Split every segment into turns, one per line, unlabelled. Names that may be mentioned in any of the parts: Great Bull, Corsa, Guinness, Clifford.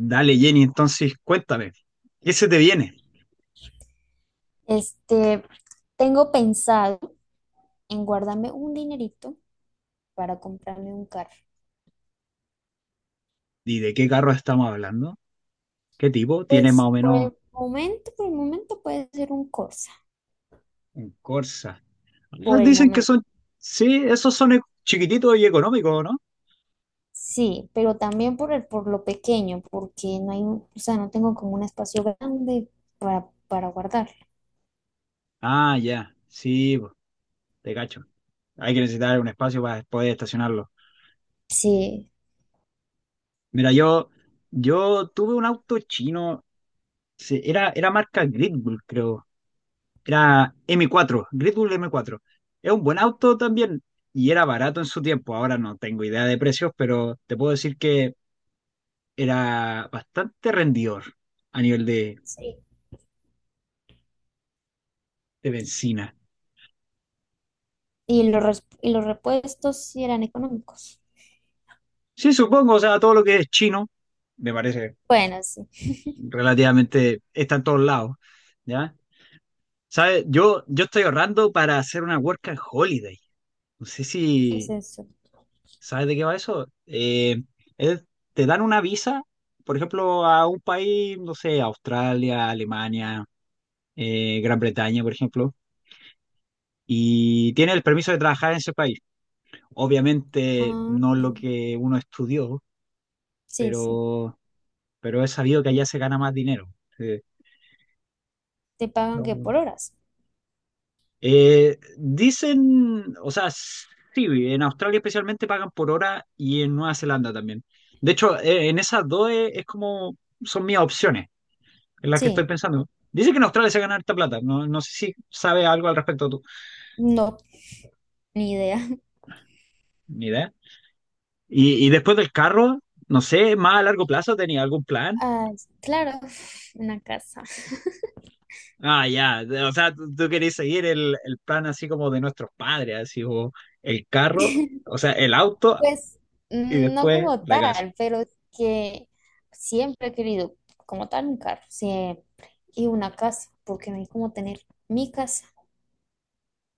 Dale, Jenny, entonces cuéntame, ¿qué se te viene?
Este, Tengo pensado en guardarme un dinerito para comprarme un carro.
¿Y de qué carro estamos hablando? ¿Qué tipo? Tiene
Pues
más o
por
menos
el momento, por el momento puede ser un Corsa,
un Corsa. Ah,
por el
dicen que
momento.
son, sí, esos son chiquititos y económicos, ¿no?
Sí, pero también por lo pequeño, porque no hay, o sea, no tengo como un espacio grande para guardar.
Ah, ya, sí, po, te cacho. Hay que necesitar un espacio para poder estacionarlo.
Sí,
Mira, yo tuve un auto chino, sí, era marca Great Bull, creo. Era m cuatro Red Bull m cuatro. Es un buen auto también y era barato en su tiempo. Ahora no tengo idea de precios, pero te puedo decir que era bastante rendidor a nivel
sí.
de benzina.
Y y los repuestos sí eran económicos.
Sí, supongo, o sea, todo lo que es chino me parece
Bueno, sí.
relativamente está en todos lados, ¿ya? ¿Sabes? Yo estoy ahorrando para hacer una work and holiday. No sé
¿Qué es
si
eso?
¿sabes de qué va eso? Es- Te dan una visa, por ejemplo, a un país, no sé, Australia, Alemania, Gran Bretaña, por ejemplo, y tiene el permiso de trabajar en ese país. Obviamente
Ah,
no lo
ah,
que uno estudió,
sí, sí.
pero, pero he sabido que allá se gana más dinero. Sí.
Te pagan que
No.
por horas.
Dicen, o sea, sí, en Australia especialmente pagan por hora y en Nueva Zelanda también. De hecho, en esas dos es como son mis opciones en la que estoy
Sí.
pensando. Dice que en Australia se gana harta plata. No, no sé si sabe algo al respecto tú.
No, ni idea.
Ni idea. Y después del carro, no sé, más a largo plazo, ¿tenía algún plan?
Ah, claro, una casa.
Ah, ya. O sea, tú querés seguir el plan así como de nuestros padres, así o el carro, o sea, el auto
Pues
y
no
después
como
la casa.
tal, pero que siempre he querido como tal un carro, siempre. Y una casa, porque no hay como tener mi casa.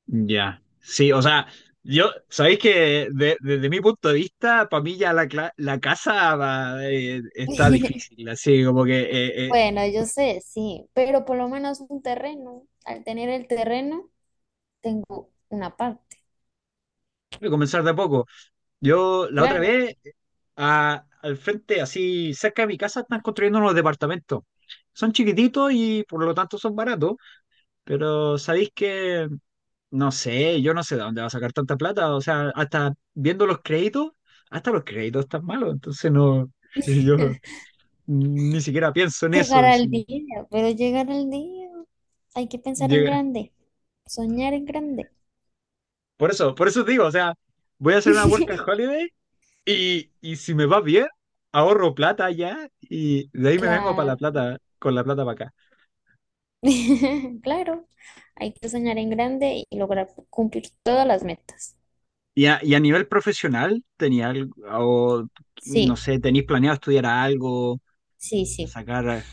Ya. Sí, o sea, yo, sabéis que desde mi punto de vista, para mí ya la casa va, está difícil, así como que
Bueno, yo sé, sí, pero por lo menos un terreno. Al tener el terreno, tengo una parte,
comenzar de a poco. Yo la otra
claro.
vez, al frente, así cerca de mi casa, están construyendo unos departamentos. Son chiquititos y por lo tanto son baratos, pero sabéis que, no sé, yo no sé de dónde va a sacar tanta plata. O sea, hasta viendo los créditos, hasta los créditos están malos. Entonces no, yo ni siquiera pienso en eso.
Llegar
Así,
al día, pero llegar al día, hay que pensar en
llega-
grande, soñar en grande.
por eso, por eso digo, o sea, voy a hacer una work and holiday. Y si me va bien, ahorro plata allá y de ahí me vengo para la
Claro,
plata, con la plata para acá.
claro, hay que soñar en grande y lograr cumplir todas las metas.
Y a nivel profesional, tenía algo, o, no
Sí,
sé, tenéis planeado estudiar algo,
sí, sí.
sacar,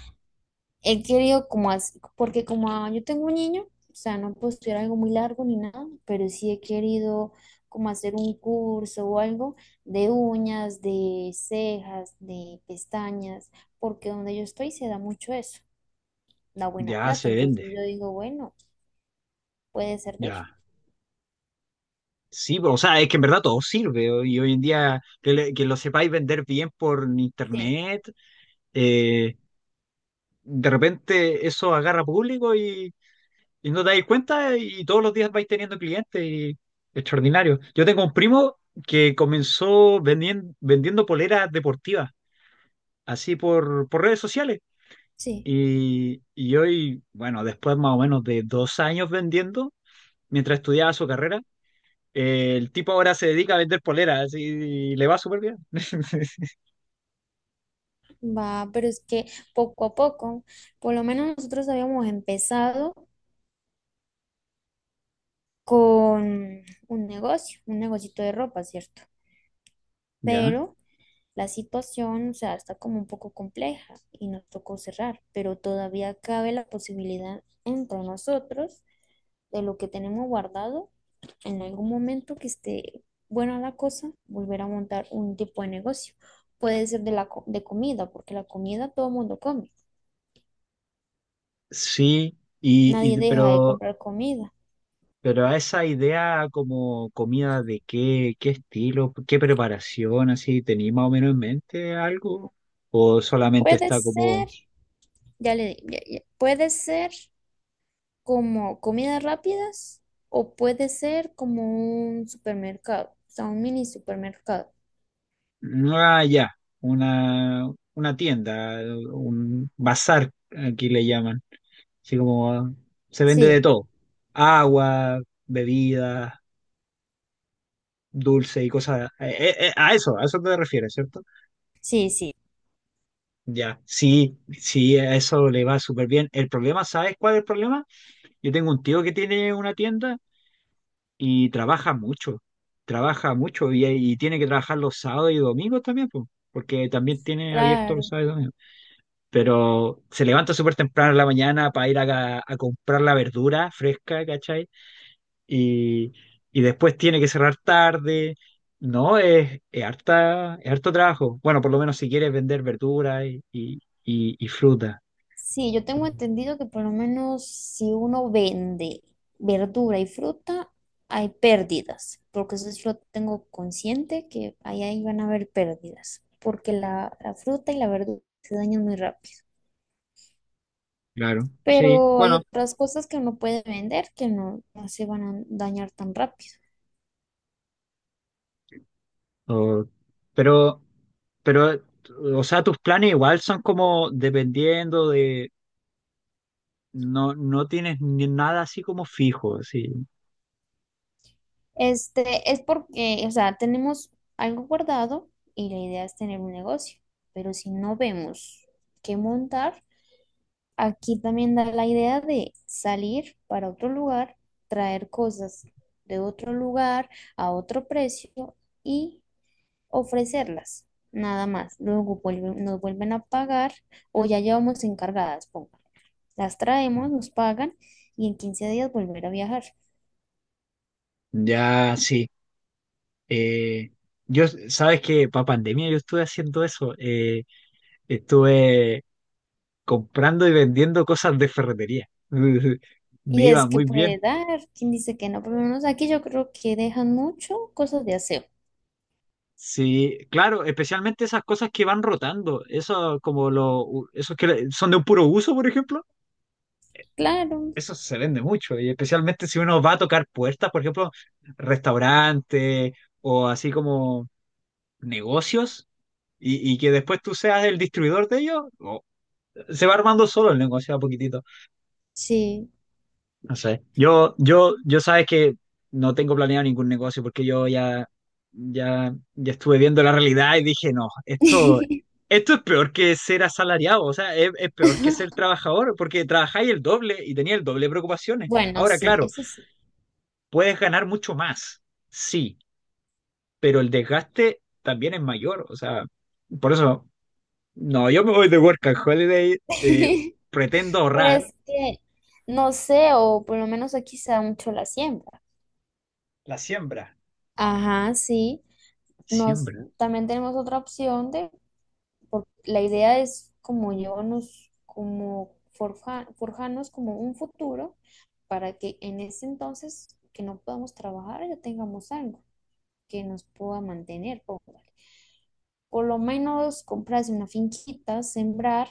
He querido como así, porque como ah, yo tengo un niño, o sea, no puedo estudiar algo muy largo ni nada, pero sí he querido como hacer un curso o algo de uñas, de cejas, de pestañas, porque donde yo estoy se da mucho eso, da buena
ya
plata,
se
entonces
vende,
yo digo, bueno, puede servir.
ya. Sí, o sea, es que en verdad todo sirve y hoy en día que, que lo sepáis vender bien por
Sí,
internet, eh, de repente eso agarra público. Y no te dais cuenta y todos los días vais teniendo clientes y extraordinario. Yo tengo un primo que comenzó vendiendo poleras deportivas, así por redes sociales.
sí.
Y hoy, bueno, después más o menos de 2 años vendiendo, mientras estudiaba su carrera, el tipo ahora se dedica a vender poleras y le va súper bien.
Va, pero es que poco a poco, por lo menos nosotros habíamos empezado con un negocio, un negocito de ropa, ¿cierto?
Ya.
Pero la situación, o sea, está como un poco compleja y nos tocó cerrar, pero todavía cabe la posibilidad entre nosotros de lo que tenemos guardado en algún momento que esté buena la cosa, volver a montar un tipo de negocio. Puede ser de de comida, porque la comida todo el mundo come.
Sí,
Nadie deja de
pero
comprar comida.
Pero a esa idea como comida de qué, qué estilo, qué preparación, así, ¿tenéis más o menos en mente algo? ¿O solamente
Puede
está como,
ser, ya le di, ya- ya- puede ser como comidas rápidas o puede ser como un supermercado, o sea, un mini supermercado.
"Mm, ah, ya, una tienda, un bazar, aquí le llaman, así como se vende de
Sí,
todo, agua, bebidas, dulce y cosas, a eso te refieres, ¿cierto?
sí, sí,
Ya, sí, sí, a eso le va súper bien. El problema, ¿sabes cuál es el problema? Yo tengo un tío que tiene una tienda y trabaja mucho y tiene que trabajar los sábados y domingos también, po, porque también tiene abierto los
claro.
sábados y domingos. Pero se levanta súper temprano en la mañana para ir a comprar la verdura fresca, ¿cachai? Y, y después tiene que cerrar tarde. No, es harta, es harto trabajo. Bueno, por lo menos si quieres vender verdura y fruta,
Sí, yo tengo entendido que por lo menos si uno vende verdura y fruta, hay pérdidas, porque eso sí lo tengo consciente que ahí van a haber pérdidas, porque la fruta y la verdura se dañan muy rápido.
claro. Sí,
Pero hay
bueno,
otras cosas que uno puede vender que no se van a dañar tan rápido.
O- pero, pero, o sea, tus planes igual son como dependiendo de, no, no tienes ni nada así como fijo, sí.
Este es porque, o sea, tenemos algo guardado y la idea es tener un negocio, pero si no vemos qué montar, aquí también da la idea de salir para otro lugar, traer cosas de otro lugar a otro precio y ofrecerlas, nada más. Nos vuelven a pagar o ya llevamos encargadas, ponga. Las traemos, nos pagan y en 15 días volver a viajar.
Ya, sí. Eh, yo, sabes que para pandemia yo estuve haciendo eso. Estuve comprando y vendiendo cosas de ferretería. Me
Y
iba
es que
muy bien.
puede dar, quien dice que no, por lo menos aquí yo creo que dejan mucho cosas de aseo.
Sí, claro, especialmente esas cosas que van rotando, eso como lo, esos que son de un puro uso, por ejemplo.
Claro,
Eso se vende mucho, y especialmente si uno va a tocar puertas, por ejemplo, restaurantes o así como negocios, y que después tú seas el distribuidor de ellos, se va armando solo el negocio a poquitito.
sí.
No sé. Yo sabes que no tengo planeado ningún negocio porque yo ya estuve viendo la realidad y dije, no, esto, esto es peor que ser asalariado, o sea, es peor que ser trabajador, porque trabajáis el doble y tenía el doble de preocupaciones.
Bueno,
Ahora,
sí,
claro.
eso sí.
Puedes ganar mucho más, sí, pero el desgaste también es mayor. O sea, por eso, no, yo me voy de work and holiday, pretendo
Pero
ahorrar
es que, no sé, o por lo menos aquí se da mucho la siembra.
la siembra.
Ajá, sí. Nos,
Siembra.
también tenemos otra opción de la idea es como llevarnos, como forjarnos como un futuro para que en ese entonces que no podamos trabajar ya tengamos algo que nos pueda mantener, póngale. Por lo menos comprarse una finquita, sembrar,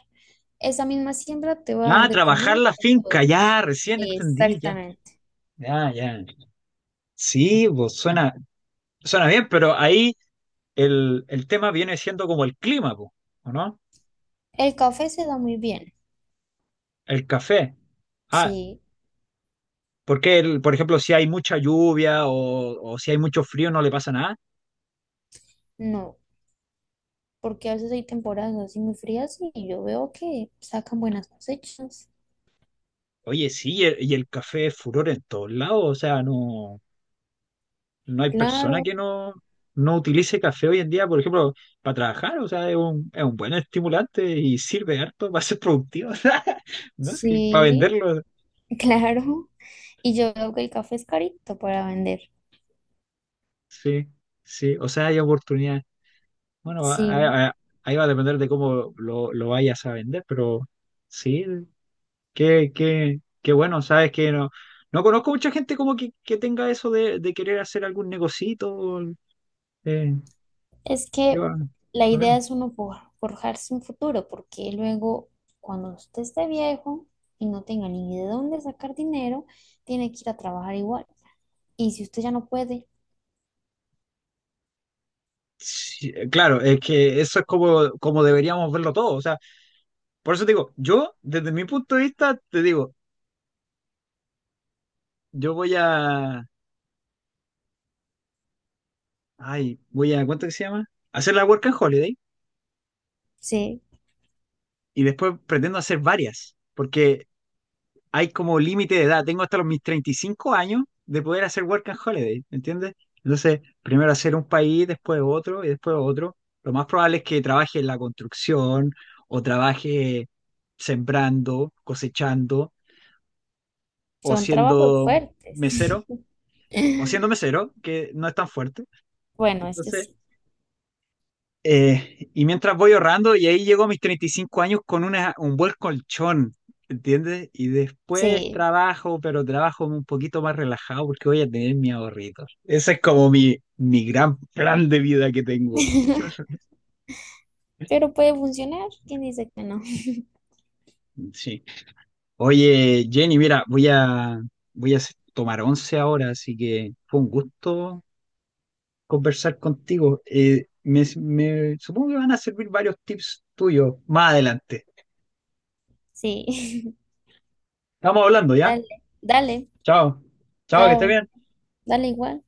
esa misma siembra te va a dar
Ah,
de
trabajar
comer.
la
De
finca,
todo.
ya, recién entendí, ya.
Exactamente.
Ya, ya. Sí, pues suena, suena bien, pero ahí el tema viene siendo como el clima, pues, ¿o no?
El café se da muy bien,
El café. Ah,
sí,
porque, por ejemplo, si hay mucha lluvia o si hay mucho frío, no le pasa nada.
no, porque a veces hay temporadas así muy frías y yo veo que sacan buenas cosechas.
Oye, sí, el café es furor en todos lados, o sea, no, no hay persona
Claro.
que no, no utilice café hoy en día, por ejemplo, para trabajar, o sea, es un buen estimulante y sirve harto para ser productivo, o sea, ¿no? Sí, para
Sí,
venderlo,
claro. Y yo veo que el café es carito para vender.
sí, sí, o sea, hay oportunidad. Bueno,
Sí,
ahí va a depender de cómo lo vayas a vender, pero sí, qué, qué, qué bueno, sabes que no, no conozco mucha gente como que tenga eso de querer hacer algún negocito. eh,
es
Qué
que
bueno,
la
qué
idea
bueno.
es uno forjarse un futuro, porque luego cuando usted esté viejo y no tenga ni de dónde sacar dinero, tiene que ir a trabajar igual. Y si usted ya no puede,
Sí, claro, es que eso es como, como deberíamos verlo todo. O sea, por eso te digo, yo, desde mi punto de vista, te digo, yo voy a, ay, voy a, ¿cuánto que se llama? Hacer la work and holiday
sí,
y después pretendo hacer varias, porque hay como límite de edad. Tengo hasta los mis 35 años de poder hacer work and holiday, ¿me entiendes? Entonces, primero hacer un país, después otro y después otro. Lo más probable es que trabaje en la construcción o trabaje sembrando, cosechando o
son
siendo
trabajos fuertes.
mesero, o siendo mesero, que no es tan fuerte.
Bueno, este
Entonces,
sí,
y mientras voy ahorrando, y ahí llego a mis 35 años con una, un buen colchón, ¿entiendes? Y después
sí,
trabajo, pero trabajo un poquito más relajado porque voy a tener mis ahorritos. Ese es como mi gran plan de vida que tengo.
pero puede funcionar. ¿Quién dice que no?
Sí. Oye, Jenny, mira, voy a, voy a tomar once ahora, así que fue un gusto conversar contigo. Supongo que van a servir varios tips tuyos más adelante.
Sí,
Estamos hablando, ¿ya?
dale, dale,
Chao. Chao, que estés
chao,
bien.
dale igual.